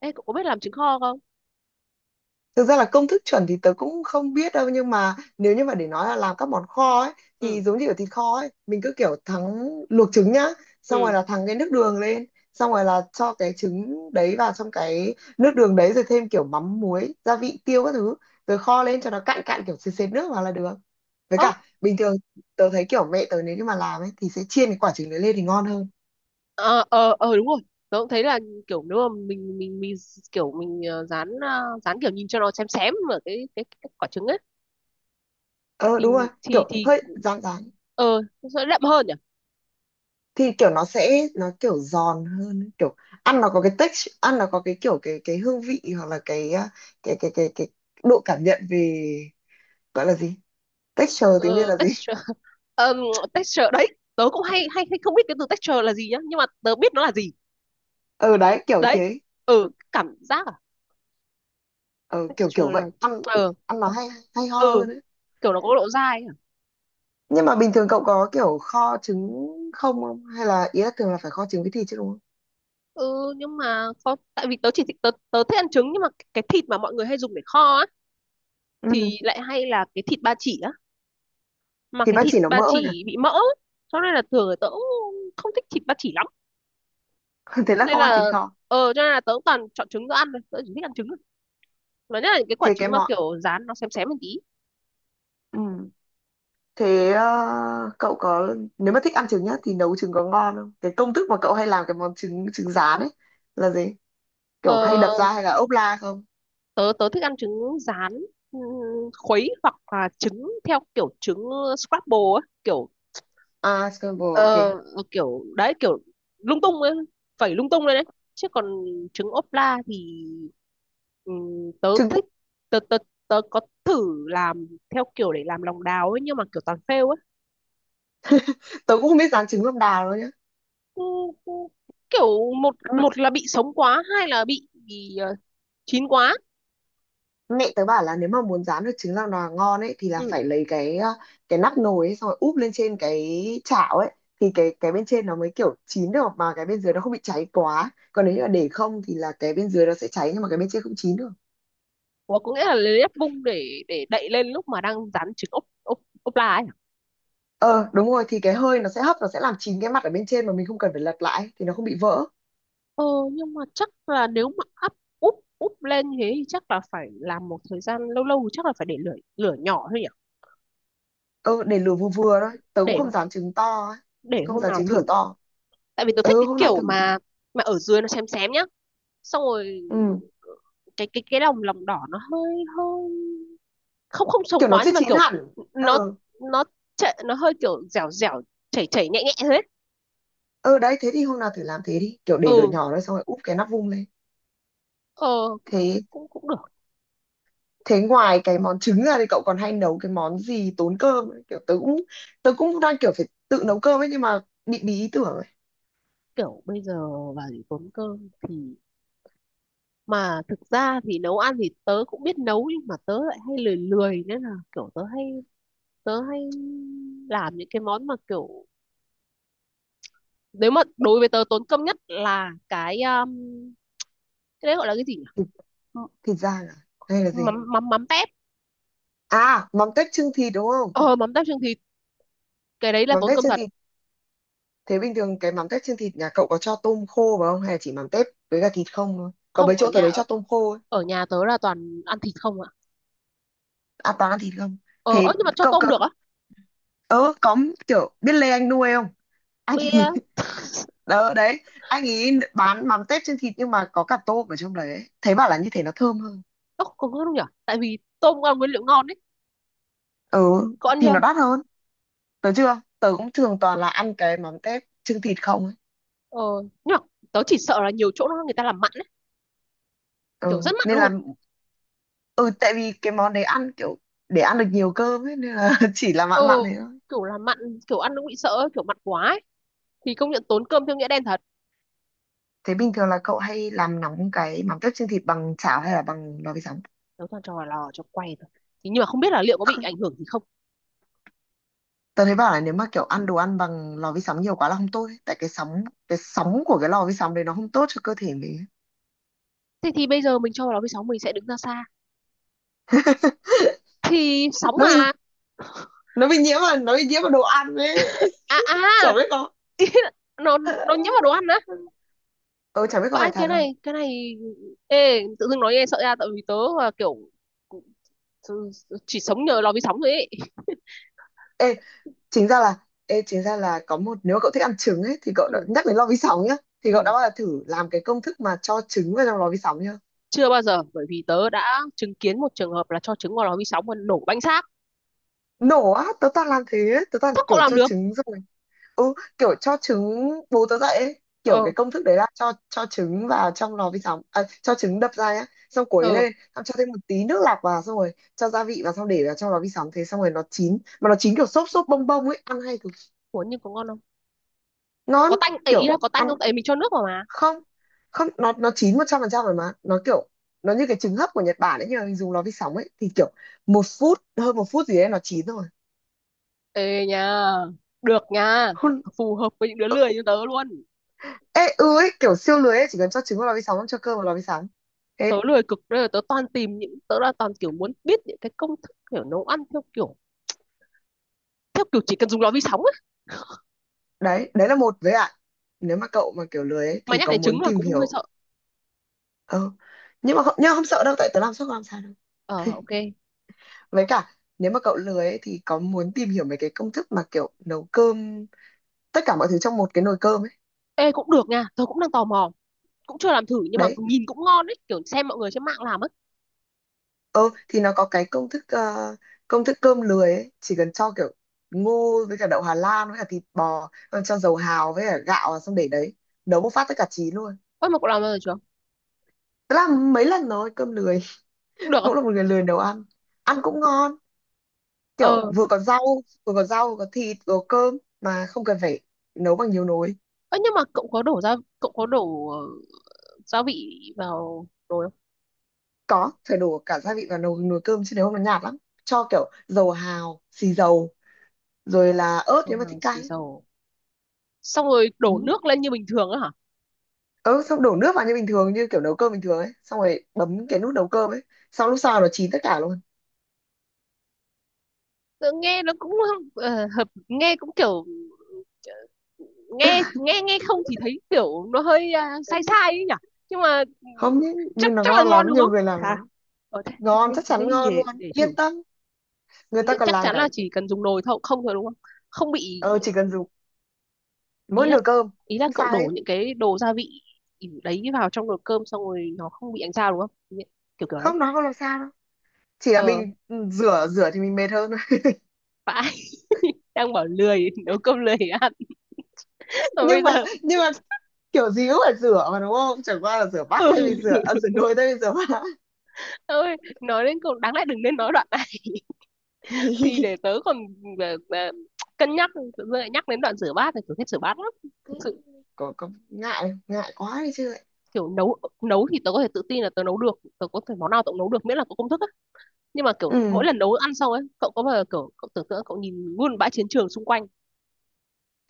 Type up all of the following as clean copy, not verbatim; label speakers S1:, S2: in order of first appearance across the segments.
S1: Ê, cậu có biết làm trứng kho không?
S2: Thực ra là công thức chuẩn thì tớ cũng không biết đâu, nhưng mà nếu như mà để nói là làm các món kho ấy thì
S1: Ừ,
S2: giống như ở thịt kho ấy, mình cứ kiểu thắng, luộc trứng nhá, xong rồi
S1: ừ.
S2: là thắng cái nước đường lên, xong rồi là cho cái trứng đấy vào trong cái nước đường đấy, rồi thêm kiểu mắm muối gia vị tiêu các thứ, rồi kho lên cho nó cạn cạn kiểu sệt sệt nước vào là được. Với
S1: Ơ,
S2: cả bình thường tớ thấy kiểu mẹ tớ nếu như mà làm ấy thì sẽ chiên cái quả trứng đấy lên thì ngon hơn.
S1: ờ, đúng rồi. Tớ cũng thấy là kiểu nếu mà mình kiểu mình dán, kiểu nhìn cho nó xém xém ở cái quả trứng ấy,
S2: Ờ
S1: thì
S2: đúng rồi,
S1: thì
S2: kiểu
S1: thì
S2: hơi rán rán
S1: ờ nó sẽ đậm hơn nhỉ?
S2: thì kiểu nó sẽ nó kiểu giòn hơn ấy, kiểu ăn nó có cái texture, ăn nó có cái kiểu cái hương vị, hoặc là cái à, cái cái độ cảm nhận về, gọi là gì, texture tiếng Việt
S1: Ờ
S2: là gì?
S1: Texture. Ờm, Texture đấy. Tớ cũng hay hay hay không biết cái từ texture là gì nhá, nhưng mà tớ biết nó là gì.
S2: Ừ, đấy kiểu
S1: Đấy.
S2: thế.
S1: Ừ,
S2: Ừ,
S1: cảm giác à?
S2: ừ, kiểu kiểu
S1: Texture là,
S2: vậy. ăn
S1: ờ
S2: ăn nó hay hay ho
S1: ừ,
S2: hơn đấy.
S1: kiểu nó có độ dai à?
S2: Nhưng mà bình thường cậu có kiểu kho trứng không không, hay là ý là thường là phải kho trứng với thịt chứ, đúng không?
S1: Ừ, nhưng mà có, tại vì tớ thích ăn trứng, nhưng mà cái thịt mà mọi người hay dùng để kho á
S2: Ừ,
S1: thì lại hay là cái thịt ba chỉ á, mà
S2: thì
S1: cái
S2: bác
S1: thịt
S2: chỉ nó
S1: ba
S2: mỡ nhỉ.
S1: chỉ bị mỡ, cho nên là thường là tớ cũng không thích thịt ba chỉ lắm,
S2: Thế là
S1: nên
S2: không
S1: là
S2: ăn thịt kho.
S1: cho nên là tớ cũng toàn chọn trứng tớ ăn thôi, tớ chỉ thích ăn trứng thôi, mà nhất là những cái quả
S2: Thế cái
S1: trứng mà
S2: món,
S1: kiểu rán nó xém xém một tí.
S2: ừ. Thế cậu có, nếu mà thích ăn trứng nhá, thì nấu trứng có ngon không? Cái công thức mà cậu hay làm cái món trứng trứng rán ấy là gì? Kiểu hay
S1: ờ
S2: đập ra hay là ốp la không?
S1: tớ tớ thích ăn trứng rán, ừm, khuấy hoặc là trứng theo kiểu trứng scramble á kiểu.
S2: À, scramble ok.
S1: Ờ, kiểu đấy kiểu lung tung ấy, phẩy lung tung lên đấy. Chứ còn trứng ốp la thì, tớ
S2: Trứng
S1: thích tớ, tớ, tớ có thử làm theo kiểu để làm lòng đào ấy, nhưng mà kiểu toàn fail ấy.
S2: Tớ cũng không biết rán trứng lòng đào đâu nhá.
S1: Ừ, ừ, kiểu một
S2: M-
S1: một là bị sống quá, hai là chín quá.
S2: Mẹ tớ bảo là nếu mà muốn rán được trứng lòng đào ngon ấy thì là
S1: Ừ.
S2: phải lấy cái nắp nồi ấy, xong rồi úp lên trên cái chảo ấy, thì cái bên trên nó mới kiểu chín được, mà cái bên dưới nó không bị cháy quá. Còn nếu như là để không thì là cái bên dưới nó sẽ cháy nhưng mà cái bên trên không chín được.
S1: Ủa, có nghĩa là lấy ép bung để đậy lên lúc mà đang rán trứng ốp ốp ốp la ấy.
S2: Ờ đúng rồi, thì cái hơi nó sẽ hấp, nó sẽ làm chín cái mặt ở bên trên mà mình không cần phải lật lại thì nó không bị vỡ.
S1: Ờ, nhưng mà chắc là nếu mà up úp úp lên thế thì chắc là phải làm một thời gian lâu lâu, chắc là phải để lửa lửa nhỏ thôi nhỉ.
S2: Ờ, để lửa vừa vừa thôi, tớ cũng
S1: để
S2: không dám trứng to ấy.
S1: để
S2: Không
S1: hôm
S2: dám
S1: nào
S2: trứng
S1: thử,
S2: lửa to.
S1: tại vì tôi thích
S2: Ừ,
S1: cái
S2: hôm nào
S1: kiểu
S2: thử.
S1: mà ở dưới nó xém xém nhá, xong rồi
S2: Ừ,
S1: cái lòng lòng đỏ nó hơi hơi không không sống
S2: kiểu nó
S1: quá,
S2: chưa
S1: nhưng mà
S2: chín
S1: kiểu
S2: hẳn.
S1: nó
S2: Ờ.
S1: nó chảy, nó hơi kiểu dẻo dẻo, chảy chảy nhẹ nhẹ thế.
S2: Ờ, đấy, thế thì hôm nào thử làm thế đi, kiểu để lửa
S1: Ừ,
S2: nhỏ thôi xong rồi úp cái nắp vung lên.
S1: ờ
S2: thế
S1: cũng cũng được.
S2: thế ngoài cái món trứng ra thì cậu còn hay nấu cái món gì tốn cơm ấy? Kiểu tớ cũng đang kiểu phải tự nấu cơm ấy nhưng mà bị bí ý tưởng ấy.
S1: Kiểu bây giờ vào để tốn cơm thì, mà thực ra thì nấu ăn thì tớ cũng biết nấu, nhưng mà tớ lại hay lười lười, nên là kiểu tớ hay làm những cái món mà kiểu, nếu mà đối với tớ, tốn công nhất là cái đấy gọi là cái gì nhỉ?
S2: thịt,
S1: M-
S2: thịt rang à, hay là
S1: mắm
S2: gì?
S1: mắm mắm tép.
S2: À, mắm tép chưng thịt đúng không?
S1: Ờ, mắm tép chưng thịt, cái đấy là
S2: Mắm
S1: tốn
S2: tép
S1: công
S2: chưng
S1: thật.
S2: thịt. Thế bình thường cái mắm tép trên thịt nhà cậu có cho tôm khô vào không? Hay là chỉ mắm tép với cả thịt không thôi? Có mấy
S1: Không,
S2: chỗ tớ thấy cho tôm khô ấy.
S1: ở nhà tớ là toàn ăn thịt không ạ.
S2: À toàn ăn thịt không?
S1: Ờ
S2: Thế
S1: Ơ, nhưng mà cho
S2: cậu,
S1: tôm
S2: cậu
S1: được á.
S2: ờ, có kiểu biết Lê Anh Nuôi không? Anh
S1: Bia.
S2: ấy, đấy, anh ấy bán mắm tép trên thịt nhưng mà có cả tôm ở trong đấy ấy. Thế bảo là như thế nó thơm hơn.
S1: Ơ, không có đâu nhỉ, tại vì tôm cũng là nguyên liệu ngon đấy.
S2: Ừ,
S1: Có ăn
S2: thì
S1: chưa.
S2: nó đắt hơn. Tớ chưa? Tớ cũng thường toàn là ăn cái mắm tép trên thịt không ấy.
S1: ờ nhưng mà tớ chỉ sợ là nhiều chỗ nó người ta làm mặn ấy,
S2: Ừ,
S1: kiểu rất mặn
S2: nên là,
S1: luôn.
S2: ừ, tại vì cái món đấy ăn kiểu để ăn được nhiều cơm ấy, nên là chỉ là mặn mặn
S1: Ừ,
S2: thế thôi.
S1: kiểu là mặn, kiểu ăn cũng bị sợ ấy, kiểu mặn quá ấy. Thì công nhận tốn cơm theo nghĩa đen thật.
S2: Thế bình thường là cậu hay làm nóng cái mắm tép chiên thịt bằng chảo hay là bằng lò vi sóng?
S1: Nấu toàn cho vào lò cho quay thôi, thì nhưng mà không biết là liệu có bị
S2: Không,
S1: ảnh hưởng gì không.
S2: tớ thấy bảo là nếu mà kiểu ăn đồ ăn bằng lò vi sóng nhiều quá là không tốt ấy. Tại cái sóng của cái lò vi sóng đấy nó không tốt cho cơ thể mình ấy.
S1: Thế thì bây giờ mình cho vào lò vi sóng mình sẽ đứng ra xa, thì sóng
S2: Nó bị
S1: mà.
S2: nó bị nhiễm vào đồ ăn ấy.
S1: À, à.
S2: Chả biết có.
S1: Nó nhiễm vào đồ ăn á.
S2: Ừ, chả biết có
S1: Và
S2: phải
S1: anh
S2: thật
S1: cái
S2: không.
S1: này cái này, ê tự dưng nói nghe sợ ra, tại vì tớ là kiểu chỉ sống nhờ lò vi sóng rồi ấy.
S2: Ê, chính ra là chính ra là có một, nếu mà cậu thích ăn trứng ấy thì cậu đã
S1: Ừ,
S2: nhắc đến lò vi sóng nhá. Thì cậu đã
S1: ừ.
S2: bao giờ thử làm cái công thức mà cho trứng vào trong lò vi sóng nhá,
S1: Chưa bao giờ, bởi vì tớ đã chứng kiến một trường hợp là cho trứng vào lò vi sóng và nổ bánh xác.
S2: nổ á, tớ toàn làm thế ấy. Tớ toàn
S1: Sao cậu
S2: kiểu
S1: làm
S2: cho
S1: được.
S2: trứng rồi, ừ, kiểu cho trứng bú tớ dậy ấy. Kiểu
S1: Ờ,
S2: cái công thức đấy là cho trứng vào trong lò vi sóng à, cho trứng đập ra nhá, xong quấy
S1: ờ.
S2: lên, xong cho thêm một tí nước lạc vào, xong rồi cho gia vị vào, xong để vào trong lò vi sóng thế, xong rồi nó chín, mà nó chín kiểu xốp xốp bông bông ấy, ăn hay cực.
S1: Ủa, nhưng có ngon không?
S2: Ngon.
S1: Có tanh ấy, ý
S2: Kiểu
S1: là có tanh
S2: ăn,
S1: không? Tại mình cho nước vào mà.
S2: không, không, nó chín một trăm phần trăm rồi, mà nó kiểu nó như cái trứng hấp của Nhật Bản ấy nhưng mà mình dùng lò vi sóng ấy, thì kiểu một phút, hơn một phút gì đấy nó chín rồi.
S1: Ê nha, được nha.
S2: Hun-
S1: Phù hợp với những đứa lười như tớ luôn.
S2: Ê, ừ ấy, kiểu siêu lười ấy, chỉ cần cho trứng vào lò vi sóng, cho cơm vào lò vi sóng thế.
S1: Tớ lười cực đây, là tớ toàn tìm những, tớ là toàn kiểu muốn biết những cái công thức kiểu nấu ăn theo kiểu, chỉ cần dùng lò vi sóng á.
S2: Đấy đấy là một với ạ, nếu mà cậu mà kiểu lười ấy
S1: Mà
S2: thì
S1: nhắc
S2: có
S1: đến trứng
S2: muốn
S1: là
S2: tìm
S1: cũng hơi
S2: hiểu.
S1: sợ.
S2: Ờ, nhưng mà không sợ đâu, tại tớ làm suốt làm sao đâu.
S1: Ờ, ok.
S2: Với cả nếu mà cậu lười ấy thì có muốn tìm hiểu mấy cái công thức mà kiểu nấu cơm tất cả mọi thứ trong một cái nồi cơm ấy.
S1: Ê cũng được nha, tớ cũng đang tò mò. Cũng chưa làm thử nhưng mà
S2: Đấy.
S1: nhìn cũng ngon ấy, kiểu xem mọi người trên mạng làm ấy.
S2: Ờ, thì nó có cái công thức công thức cơm lười ấy, chỉ cần cho kiểu ngô với cả đậu Hà Lan với cả thịt bò, xong cho dầu hào với cả gạo vào, xong để đấy nấu một phát tất cả chín luôn.
S1: Ơ, mà cậu làm bao giờ chưa?
S2: Tớ làm mấy lần rồi cơm lười.
S1: Cũng được không?
S2: Cũng là một người lười nấu ăn, ăn cũng ngon, kiểu
S1: Ờ.
S2: vừa có rau, vừa có thịt vừa có cơm mà không cần phải nấu bằng nhiều nồi.
S1: Ơ, nhưng mà cậu có đổ gia vị vào nồi không?
S2: Có phải đổ cả gia vị vào nồi nồi cơm chứ, nếu không nó nhạt lắm, cho kiểu dầu hào, xì dầu, rồi là ớt nếu
S1: Xong
S2: mà
S1: hàng
S2: thích
S1: xì
S2: cay.
S1: dầu, xong rồi đổ
S2: Ừ.
S1: nước lên như bình thường á hả.
S2: Ừ, xong đổ nước vào như bình thường, như kiểu nấu cơm bình thường ấy, xong rồi bấm cái nút nấu cơm ấy, xong lúc sau nó chín tất cả luôn.
S1: Tự nghe nó cũng hợp, nghe cũng kiểu, nghe nghe nghe không thì thấy kiểu nó hơi sai sai ấy nhỉ, nhưng mà ừ,
S2: Không nhé,
S1: chắc
S2: nhưng nó
S1: chắc là
S2: ngon
S1: ngon
S2: lắm,
S1: đúng
S2: nhiều
S1: không
S2: người làm
S1: hả?
S2: lắm.
S1: Ở
S2: Ngon, chắc
S1: thế
S2: chắn
S1: thì
S2: ngon luôn,
S1: để thử.
S2: yên tâm.
S1: Ừ,
S2: Người ta còn
S1: chắc
S2: làm
S1: chắn
S2: cả.
S1: là chỉ cần dùng nồi thôi không thôi đúng không, không bị,
S2: Ờ, chỉ cần dùng mỗi
S1: ý là
S2: nồi cơm. Không,
S1: cậu
S2: sai hết,
S1: đổ những cái đồ gia vị đấy vào trong nồi cơm xong rồi nó không bị ánh sao đúng không? Nhẹ- kiểu kiểu đấy.
S2: không, nó không làm sao đâu. Chỉ là
S1: ờ
S2: mình, ừ, rửa rửa thì mình mệt hơn thôi.
S1: Vãi. Đang bảo lười nấu cơm lười ăn mà bây
S2: nhưng mà
S1: giờ.
S2: nhưng mà kiểu gì cũng phải rửa mà đúng không, chẳng qua là rửa bát, thay vì rửa nồi thay vì rửa bát.
S1: Ơi, nói đến cùng đáng lẽ đừng nên nói đoạn này. Thì để tớ còn ờ, ờ, cân nhắc, tự dưng lại nhắc đến đoạn rửa bát thì tớ thích rửa bát lắm thực sự.
S2: Có ngại ngại quá đi chứ lại.
S1: Kiểu nấu nấu thì tớ có thể tự tin là tớ nấu được, tớ có thể món nào tớ cũng nấu được miễn là có công thức á, nhưng mà kiểu
S2: Ừ,
S1: mỗi lần nấu ăn xong ấy, cậu có bao giờ kiểu cậu tưởng tượng cậu nhìn luôn bãi chiến trường xung quanh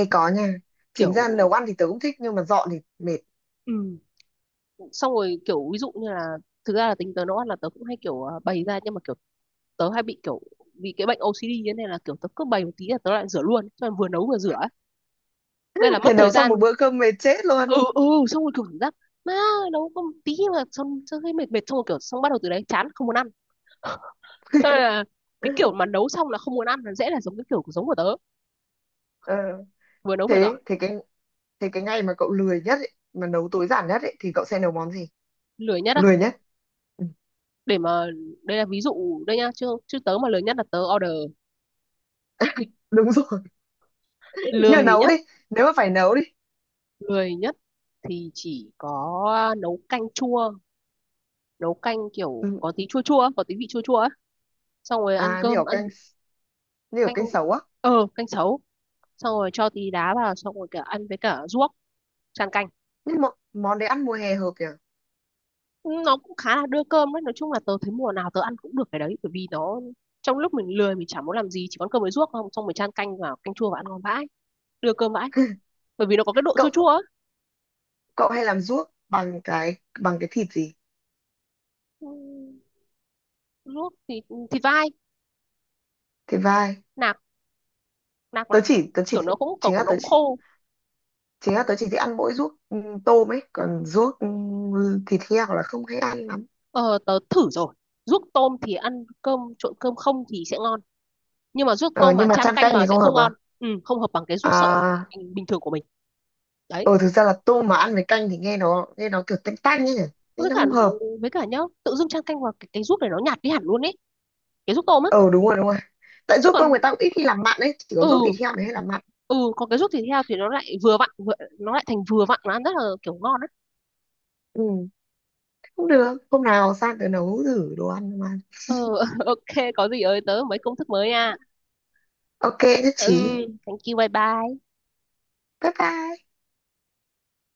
S2: ê có nha, chính
S1: kiểu,
S2: ra nấu ăn thì tớ cũng thích nhưng mà dọn thì mệt.
S1: ừ, xong rồi kiểu ví dụ như là, thực ra là tính tớ nấu ăn là tớ cũng hay kiểu bày ra, nhưng mà kiểu tớ hay bị kiểu, vì cái bệnh OCD như thế này, là kiểu tớ cứ bày một tí là tớ lại rửa luôn, cho nên vừa nấu vừa rửa ấy, nên là
S2: Thế
S1: mất thời
S2: nấu xong
S1: gian.
S2: một bữa cơm mệt chết luôn.
S1: Ừ, ừ. Xong rồi kiểu cảm giác, má, nấu có một tí mà xong xong thấy mệt mệt, xong rồi kiểu xong bắt đầu từ đấy chán không muốn ăn. Xong rồi là cái kiểu mà nấu xong là không muốn ăn là dễ là giống cái kiểu của, giống của tớ,
S2: Ờ,
S1: vừa nấu vừa dọn.
S2: thế, thế cái ngày mà cậu lười nhất ấy, mà nấu tối giản nhất ấy, thì cậu sẽ nấu món gì?
S1: Lười nhất á,
S2: Lười nhất, ừ,
S1: để mà, đây là ví dụ đây nha, chứ chứ tớ mà lười nhất là tớ order.
S2: đúng rồi. Như
S1: Lười
S2: nấu
S1: nhất,
S2: đi, nếu mà phải nấu đi.
S1: lười nhất thì chỉ có nấu canh chua, nấu canh kiểu
S2: Ừ.
S1: có tí chua chua, có tí vị chua chua ấy, xong rồi ăn
S2: À như
S1: cơm
S2: kiểu
S1: ăn
S2: canh, như ở
S1: canh
S2: canh sấu á.
S1: canh sấu, xong rồi cho tí đá vào xong rồi cả ăn với cả ruốc, tràn canh.
S2: Nhưng mà món đấy ăn mùa hè hợp nhỉ.
S1: Nó cũng khá là đưa cơm đấy, nói chung là tớ thấy mùa nào tớ ăn cũng được cái đấy, bởi vì nó, trong lúc mình lười mình chẳng muốn làm gì chỉ có ăn cơm với ruốc không, xong mình chan canh vào canh chua và ăn ngon vãi, đưa cơm vãi, bởi vì nó có cái độ chua
S2: Cậu
S1: chua ấy.
S2: Cậu hay làm ruốc bằng cái thịt gì?
S1: Ừ, ruốc thì thịt vai
S2: Thịt vai.
S1: nạc, nạc
S2: tớ
S1: mà
S2: chỉ Tớ chỉ
S1: kiểu nó cũng cỏ,
S2: chính là
S1: nó
S2: tớ
S1: cũng
S2: chỉ
S1: khô.
S2: Chính là tớ chỉ thích ăn mỗi ruốc, ừ, tôm ấy, còn ruốc, ừ, thịt heo là không hay ăn lắm.
S1: Ờ, tớ thử rồi, ruốc tôm thì ăn cơm trộn cơm không thì sẽ ngon, nhưng mà ruốc
S2: Ờ,
S1: tôm mà
S2: nhưng mà
S1: chan
S2: chan
S1: canh
S2: canh
S1: vào
S2: thì
S1: sẽ
S2: không
S1: không
S2: hợp à?
S1: ngon. Ừ, không hợp bằng cái ruốc sợi
S2: À.
S1: bình thường của mình, đấy.
S2: Ờ, thực ra là tôm mà ăn với canh thì nghe nó kiểu tanh tanh ấy nhỉ, nên
S1: Với
S2: nó
S1: cả,
S2: không hợp.
S1: nhá, tự dưng chan canh vào cái ruốc này nó nhạt đi hẳn luôn ấy, cái ruốc tôm á.
S2: Ờ đúng rồi, đúng rồi, tại
S1: Chứ
S2: ruốc
S1: còn
S2: tôm người ta cũng ít khi làm mặn ấy, chỉ có
S1: ừ,
S2: ruốc thịt heo mới hay làm mặn.
S1: ừ, còn cái ruốc thịt heo thì nó lại nó lại thành vừa vặn mà ăn rất là kiểu ngon á.
S2: Ừ, không được, hôm nào sang tớ nấu thử đồ ăn mà.
S1: Ừ, ok có gì ơi tớ mấy công thức mới nha.
S2: Ok, nhất
S1: Ừ,
S2: trí.
S1: thank you, bye bye.
S2: Bye bye.